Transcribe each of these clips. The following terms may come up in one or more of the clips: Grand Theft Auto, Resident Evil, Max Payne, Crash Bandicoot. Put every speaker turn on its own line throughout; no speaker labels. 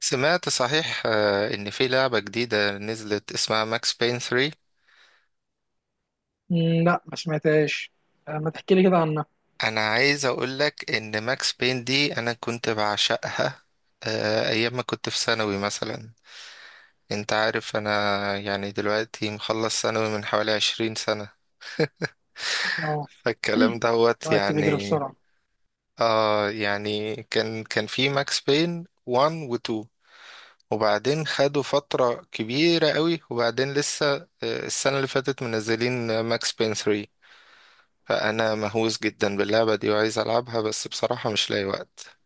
سمعت صحيح، ان في لعبة جديدة نزلت اسمها ماكس بين 3.
لا ما سمعتهاش. ما تحكي لي كده عنها.
انا عايز اقولك ان ماكس بين دي انا كنت بعشقها، ايام ما كنت في ثانوي مثلا. انت عارف انا، يعني دلوقتي مخلص ثانوي من حوالي 20 سنة.
اه،
فالكلام دوت
الوقت بيجري
يعني.
بسرعة.
اه يعني كان في ماكس بين 1 و 2، وبعدين خدوا فترة كبيرة قوي، وبعدين لسه السنة اللي فاتت منزلين ماكس بين 3. فأنا مهووس جدا باللعبة دي وعايز ألعبها، بس بصراحة مش لاقي وقت.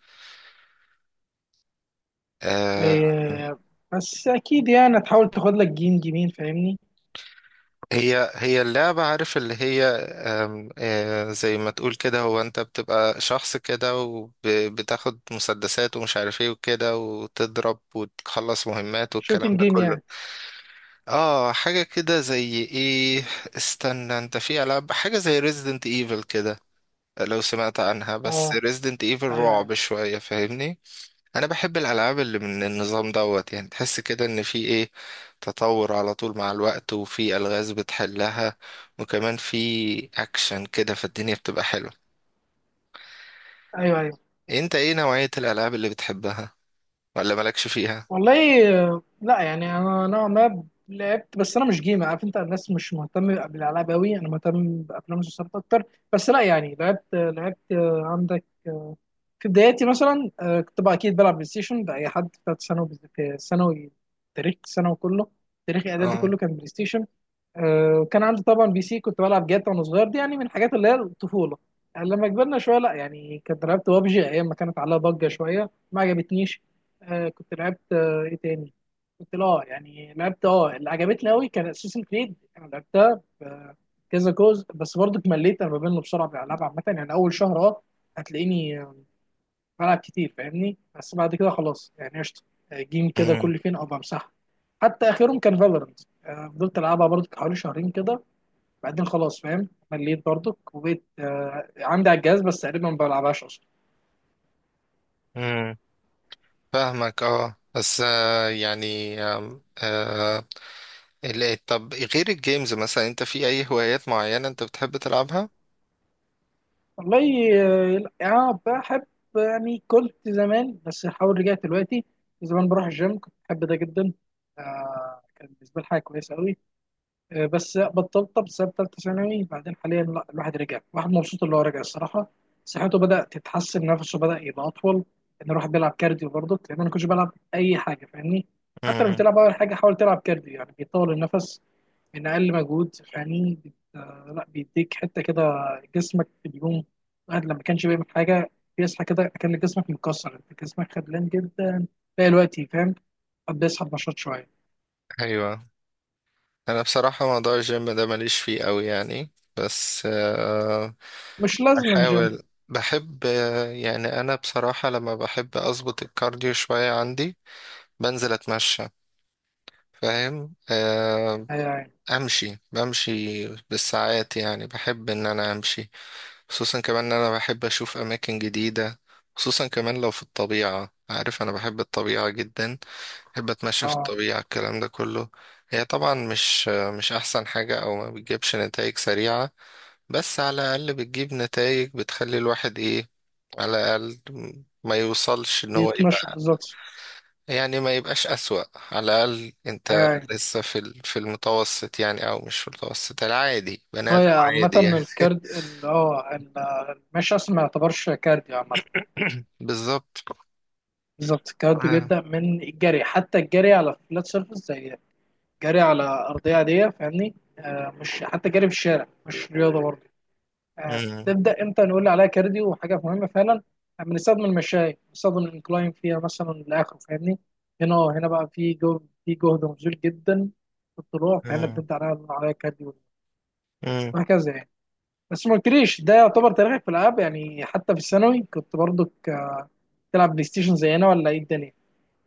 آه.
إيه، بس أكيد يعني هتحاول تاخد لك جيم جيمين فاهمني.
هي اللعبة، عارف اللي هي، آم، آه زي ما تقول كده، هو أنت بتبقى شخص كده وبتاخد مسدسات ومش عارف ايه وكده، وتضرب وتخلص مهمات والكلام
شوتنج
ده
جيم
كله.
يعني.
اه، حاجة كده زي ايه. استنى، انت في ألعاب حاجة زي ريزيدنت ايفل كده؟ لو سمعت عنها. بس
اه،
ريزيدنت ايفل
أيوه أيوه.
رعب شوية فاهمني. انا بحب الالعاب اللي من النظام دوت، يعني تحس كده ان في ايه، تطور على طول مع الوقت وفي الغاز بتحلها. وكمان في اكشن كده، فالدنيا بتبقى حلوه.
أيوه أيوه.
انت ايه نوعيه الالعاب اللي بتحبها؟ ولا مالكش فيها؟
والله لا يعني انا نوعا ما لعبت، بس انا مش جيمر عارف انت، الناس مش مهتمه بالالعاب قوي، انا مهتم بافلام المسلسلات اكتر. بس لا يعني لعبت عندك في بداياتي مثلا كنت بقى اكيد بلعب بلاي ستيشن ده اي حد بتاعت ثانوي. في ثانوي، تاريخ ثانوي كله، تاريخ اعدادي
اه.
كله كان بلاي ستيشن. كان عندي طبعا بي سي كنت بلعب جاتا وانا صغير، دي يعني من الحاجات اللي هي الطفوله. يعني لما كبرنا شويه لا يعني كنت لعبت بابجي ايام ما كانت عليها ضجه شويه، ما عجبتنيش. كنت لعبت ايه تاني؟ كنت لا يعني لعبت، اللي عجبتني قوي كان اساسن كريد، انا لعبتها كذا جزء، بس برضه اتمليت. انا بمل بسرعه بالالعاب عامه، يعني اول شهر اه هتلاقيني بلعب كتير فاهمني، بس بعد كده خلاص يعني قشطه. جيم كده
امم
كل فين او بمسحها. حتى اخرهم كان فالورنت، فضلت العبها برضه حوالي شهرين كده، بعدين خلاص فاهم، مليت برضك وبقيت عندي على الجهاز بس تقريبا ما بلعبهاش اصلا.
امم فاهمك، اه، بس يعني، آم، آه طب، غير الجيمز مثلا، انت في اي هوايات معينه انت بتحب تلعبها؟
والله لا، اه بحب، يعني كنت زمان، بس حاول رجعت دلوقتي. زمان بروح الجيم كنت بحب ده جدا. كان بالنسبه لي حاجه كويسه قوي. بس بطلت بسبب ثالثه ثانوي، بعدين حاليا لا الواحد رجع، الواحد مبسوط اللي هو رجع الصراحه. صحته بدات تتحسن، نفسه بدا يبقى اطول، ان الواحد بيلعب كارديو برضه، لان انا ما كنتش بلعب اي حاجه فاهمني. حتى لو مش
امم
تلعب اول حاجه، حاول تلعب كارديو يعني بيطول النفس من اقل مجهود. يعني بت... آه، لا بيديك حته كده، جسمك بيقوم. الواحد لما كانش بيعمل حاجه بيصحى كده كان جسمك مكسر، انت جسمك خدلان جدا، تلاقي الوقت فاهم قد بيسحب نشاط شويه.
ايوه. انا بصراحة موضوع الجيم ده ماليش فيه قوي يعني، بس
مش لازم جيم.
بحاول. بحب، يعني انا بصراحة لما بحب اظبط الكارديو شوية، عندي بنزل اتمشى، فاهم.
يعني
امشي، بمشي بالساعات، يعني بحب ان انا امشي، خصوصا كمان ان انا بحب اشوف اماكن جديدة، خصوصا كمان لو في الطبيعة، عارف انا بحب الطبيعة جدا، بحب اتمشى في
اه،
الطبيعة، الكلام ده كله. هي طبعا مش احسن حاجة او ما بتجيبش نتائج سريعة، بس على الاقل بتجيب نتائج بتخلي الواحد ايه، على الاقل ما يوصلش ان هو
بيتنشط
يبقى،
بالظبط.
يعني ما يبقاش اسوأ. على الاقل انت
يعني
لسه في المتوسط، يعني او مش في المتوسط، العادي، بني
هو
ادم
يا عامة
عادي يعني.
الكارد ال- اه ال- المشي أصلا ما يعتبرش كارديو عامة.
بالظبط.
بالظبط، الكارديو
آه.
بيبدأ من الجري، حتى الجري على فلات سيرفيس، زي جري على ارضيه عاديه فاهمني. مش حتى جري في الشارع مش رياضه برضه.
مم.
بتبدا امتى نقول عليها كارديو وحاجه مهمه فعلا؟ بنستخدم المشاية، بنستخدم الانكلاين فيها مثلا لاخره فاهمني. هنا اه هنا بقى في جهد مبذول جدا في الطلوع، فهنا
مم.
بنبدا عليها كارديو،
مم.
وهكذا يعني. بس ما قلتليش ده، يعتبر تاريخك في الالعاب يعني حتى في الثانوي كنت برضك تلعب بلاي ستيشن زينا ولا ايه الدنيا؟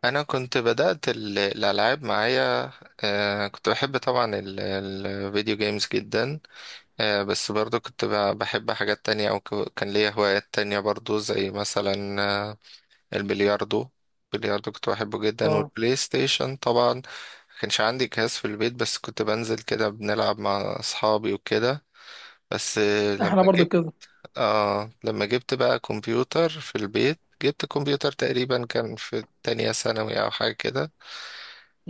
انا كنت بدأت الالعاب معايا، كنت بحب طبعا الفيديو جيمز جدا. بس برضو كنت بحب حاجات تانية، او كان ليا هوايات تانية برضو، زي مثلا البلياردو. البلياردو كنت بحبه جدا.
اه،
والبلاي ستيشن طبعا ما كانش عندي جهاز في البيت، بس كنت بنزل كده بنلعب مع اصحابي وكده. بس
احنا برضو كده.
لما جبت بقى كمبيوتر في البيت، جبت كمبيوتر تقريبا كان في تانية ثانوي او حاجة كده.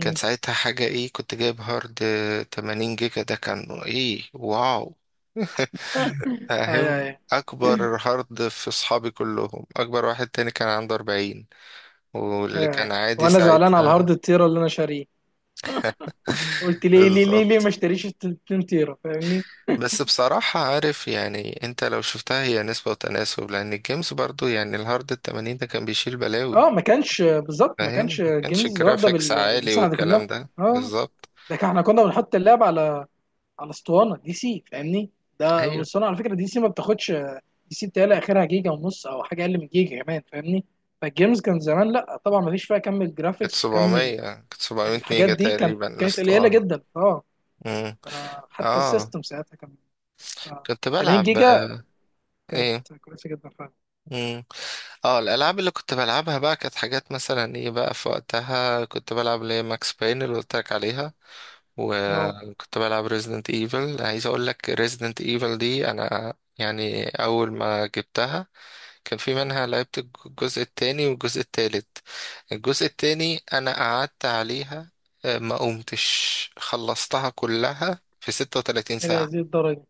كان ساعتها حاجة ايه، كنت جايب هارد 80 جيجا، ده كان ايه، واو!
اي
فاهم،
اي.
اكبر هارد في اصحابي كلهم. اكبر واحد تاني كان عنده 40،
اي
واللي
اي.
كان عادي
وانا زعلان على الهارد
ساعتها.
التيرا اللي انا شاريه، قلت ليه ليه ليه ليه ما
بالظبط.
اشتريش ال 2 تيرا فاهمني.
بس بصراحة عارف يعني، انت لو شفتها هي نسبة وتناسب، لان الجيمز برضو يعني الهارد ال 80 ده كان بيشيل بلاوي،
اه، ما كانش بالظبط، ما
فاهم.
كانش
ما كانش
جيمز واخده
جرافيكس
بال-
عالي
بالمساحه دي كلها.
والكلام ده
اه،
بالظبط.
احنا كنا بنحط اللعب على على اسطوانه دي سي فاهمني. ده
ايوه،
الاسطوانه على فكره دي سي ما بتاخدش، دي سي بتهيألي اخرها جيجا ونص او حاجه اقل من جيجا كمان فاهمني. فالجيمز كان زمان لا طبعا ما فيش فيها كم
كانت
الجرافيكس وكم
700 كانت 700
الحاجات
ميجا
دي، كانت
تقريبا
كانت قليله
الاسطوانة.
جدا اه.
مم.
حتى
اه
السيستم ساعتها كان آه،
كنت
80
بلعب
جيجا، كانت
ايه.
كويسه جدا فعلا.
مم. اه الالعاب اللي كنت بلعبها بقى كانت حاجات مثلا ايه بقى، في وقتها كنت بلعب اللي هي ماكس باين اللي قلت لك عليها،
نو.
وكنت بلعب ريزيدنت ايفل. عايز اقول لك ريزيدنت ايفل دي انا يعني اول ما جبتها، كان في منها لعبت الجزء التاني والجزء التالت. الجزء التاني انا قعدت عليها، ما قمتش خلصتها كلها في 36
الى
ساعة.
هذه الدرجه؟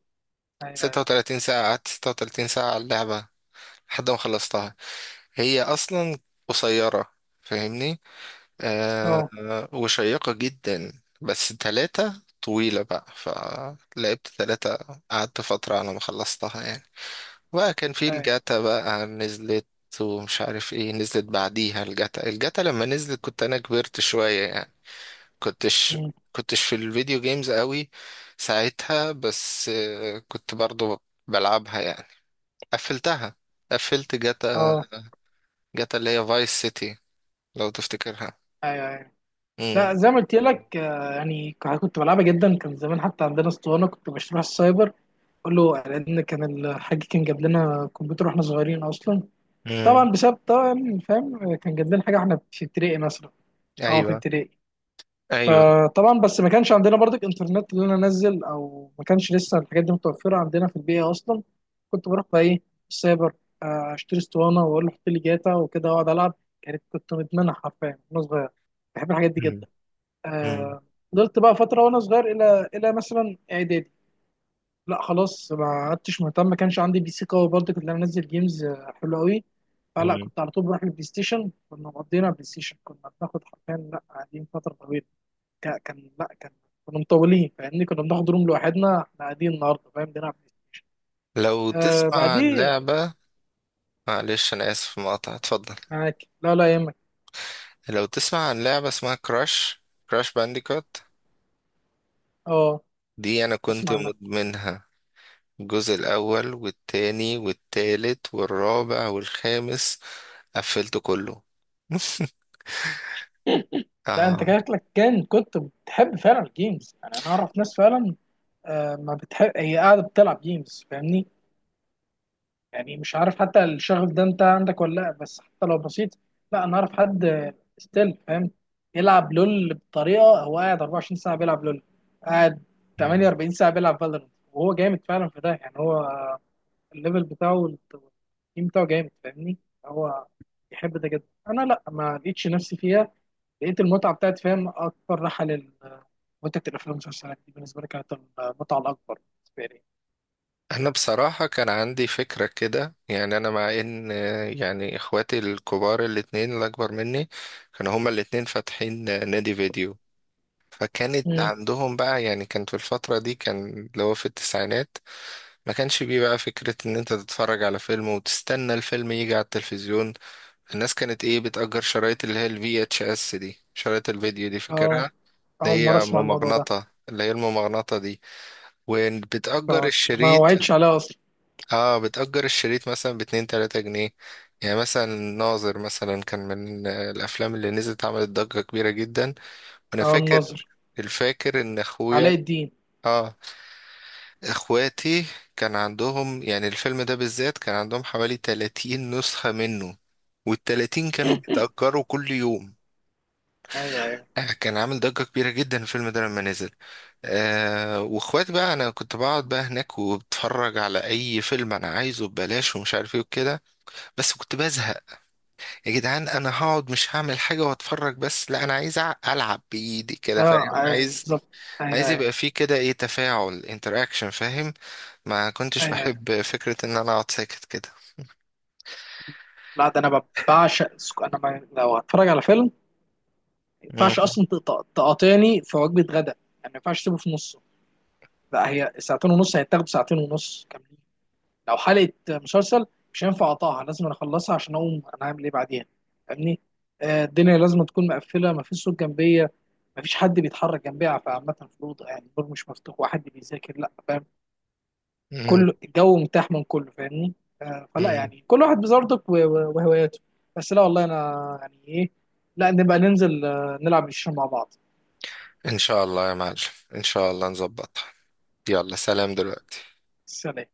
ايوه أيوة.
36 ساعة، قعدت 36 ساعة على اللعبة لحد ما خلصتها. هي أصلا قصيرة فاهمني،
اه.
وشيقة جدا، بس تلاتة طويلة بقى، فلعبت تلاتة، قعدت فترة على ما خلصتها يعني. بقى كان في
ايوه.
الجاتا بقى نزلت ومش عارف ايه، نزلت بعديها الجاتا لما نزلت كنت انا كبرت شوية يعني، كنتش
مم.
كنتش في الفيديو جيمز قوي ساعتها، بس كنت برضو بلعبها يعني. قفلتها، قفلت جاتا،
اه.
جاتا اللي هي فايس سيتي لو تفتكرها.
ايوه ايوه.
امم.
لا زي ما قلت لك يعني كنت بلعبها جدا، كان زمان حتى عندنا اسطوانه كنت بشتريها في السايبر. اقول له لان كان الحاج كان جاب لنا كمبيوتر واحنا صغيرين اصلا،
امم.
طبعا بسبب طبعا فاهم كان جاب لنا حاجه واحنا في ابتدائي مثلا. اه في
ايوه
ابتدائي.
ايوه.
فطبعا بس ما كانش عندنا برضك انترنت اللي انا انزل، او ما كانش لسه الحاجات دي متوفره عندنا في البيئه اصلا. كنت بروح بقى ايه، السايبر، اشتري اسطوانه واقول له حط لي جاتا وكده واقعد العب. كانت، كنت مدمنها حرفيا وانا صغير، بحب الحاجات دي
امم.
جدا.
امم.
آه، فضلت بقى فتره وانا صغير الى مثلا اعدادي. لا خلاص ما عدتش مهتم، ما كانش عندي بي سي قوي برضه كنت انا انزل جيمز حلوه قوي. فلا
امم.
كنت على طول بروح البلاي ستيشن، كنا مقضينا بلاي ستيشن، كنا بناخد حرفيا لا قاعدين فتره طويله. كا- كان لا كان كنا مطولين فاهمني، كنا بناخد روم لوحدنا احنا قاعدين النهارده فاهم بنلعب بلاي
لو
ستيشن.
تسمع عن
بعديه.
لعبة، معلش انا اسف مقاطعة، اتفضل.
معاك، لا لا يهمك.
لو تسمع عن لعبة اسمها كراش، كراش بانديكوت،
اه،
دي انا كنت
اسمع عنها.
مدمنها. الجزء الاول والتاني والتالت والرابع والخامس، قفلته كله.
لا انت
اه.
شكلك كان كنت بتحب فعلا الجيمز. يعني انا اعرف ناس فعلا ما بتحب، هي قاعده بتلعب جيمز فاهمني. يعني مش عارف حتى الشغف ده انت عندك ولا لا، بس حتى لو بسيط. لا انا اعرف حد ستيل فاهم، يلعب لول بطريقه هو قاعد 24 ساعه بيلعب لول، قاعد 48 ساعه بيلعب فالورنت، وهو جامد فعلا في ده يعني. هو الليفل بتاعه والتيم بتاعه جامد فاهمني، هو يحب ده جدا. انا لا ما لقيتش نفسي فيها، لقيت المتعه بتاعت فاهم، اكبر راحه لل متعه الافلام والمسلسلات دي بالنسبه لي، كانت المتعه الاكبر بالنسبه لي.
انا بصراحة كان عندي فكرة كده، يعني انا مع ان، يعني اخواتي الكبار الاتنين اللي اكبر مني كانوا هما الاتنين فاتحين، نادي فيديو. فكانت
امم.
عندهم بقى يعني، كان في الفترة دي، كان اللي هو في التسعينات، ما كانش بيه بقى فكرة ان انت تتفرج على فيلم وتستنى الفيلم يجي على التلفزيون. الناس كانت ايه، بتأجر شرايط اللي هي الفي اتش اس دي، شرايط الفيديو دي
اه،
فاكرها،
اول
اللي
مره
هي
اسمع الموضوع ده.
ممغنطة، اللي هي الممغنطة دي، وبتأجر
كراش ما
الشريط.
وعدتش عليها اصلا.
اه، بتأجر الشريط مثلا باتنين تلاتة جنيه. يعني مثلا ناظر مثلا، كان من الأفلام اللي نزلت عملت ضجة كبيرة جدا، وأنا
او
فاكر،
الناظر.
الفاكر إن أخويا،
علاء الدين.
اه إخواتي كان عندهم يعني الفيلم ده بالذات، كان عندهم حوالي 30 نسخة منه، والـ30 كانوا بيتأجروا كل يوم.
ايوه ايوه.
كان عامل ضجة كبيرة جدا الفيلم ده لما نزل. واخواتي بقى، انا كنت بقعد بقى هناك وبتفرج على اي فيلم انا عايزه ببلاش، ومش عارف ايه وكده، بس كنت بزهق. يا جدعان انا هقعد مش هعمل حاجه واتفرج بس؟ لا انا عايز العب بايدي كده،
اه،
فاهم، عايز،
بالظبط. ايوه
عايز
ايوه.
يبقى فيه كده ايه، تفاعل، انتراكشن فاهم. ما كنتش
ايوه ايوه.
بحب فكره ان انا اقعد ساكت كده.
لا ده انا بعشق انا ما، لو هتفرج على فيلم ما ينفعش
مم.
اصلا تقاطعني في وجبه غدا. يعني ما ينفعش تسيبه في نصه، لا هي ساعتين ونص، هيتاخد ساعتين ونص كاملين. لو حلقه مسلسل مش هينفع اقطعها، لازم أنا اخلصها عشان اقوم انا هعمل ايه بعدين فاهمني. الدنيا لازم تكون مقفله، ما فيش صوت جنبيه، ما فيش حد بيتحرك جنبيها، فعامة في الأوضة يعني الباب مش مفتوح وحد بيذاكر لا،
مم.
كله الجو متاح من كله فاهمني. فلا
مم.
يعني كل واحد بظروفك وهواياته. بس لا والله انا يعني ايه، لا نبقى ننزل نلعب الشطرنج مع بعض.
ان شاء الله يا معلم، ان شاء الله نظبطها، يلا سلام دلوقتي.
سلام.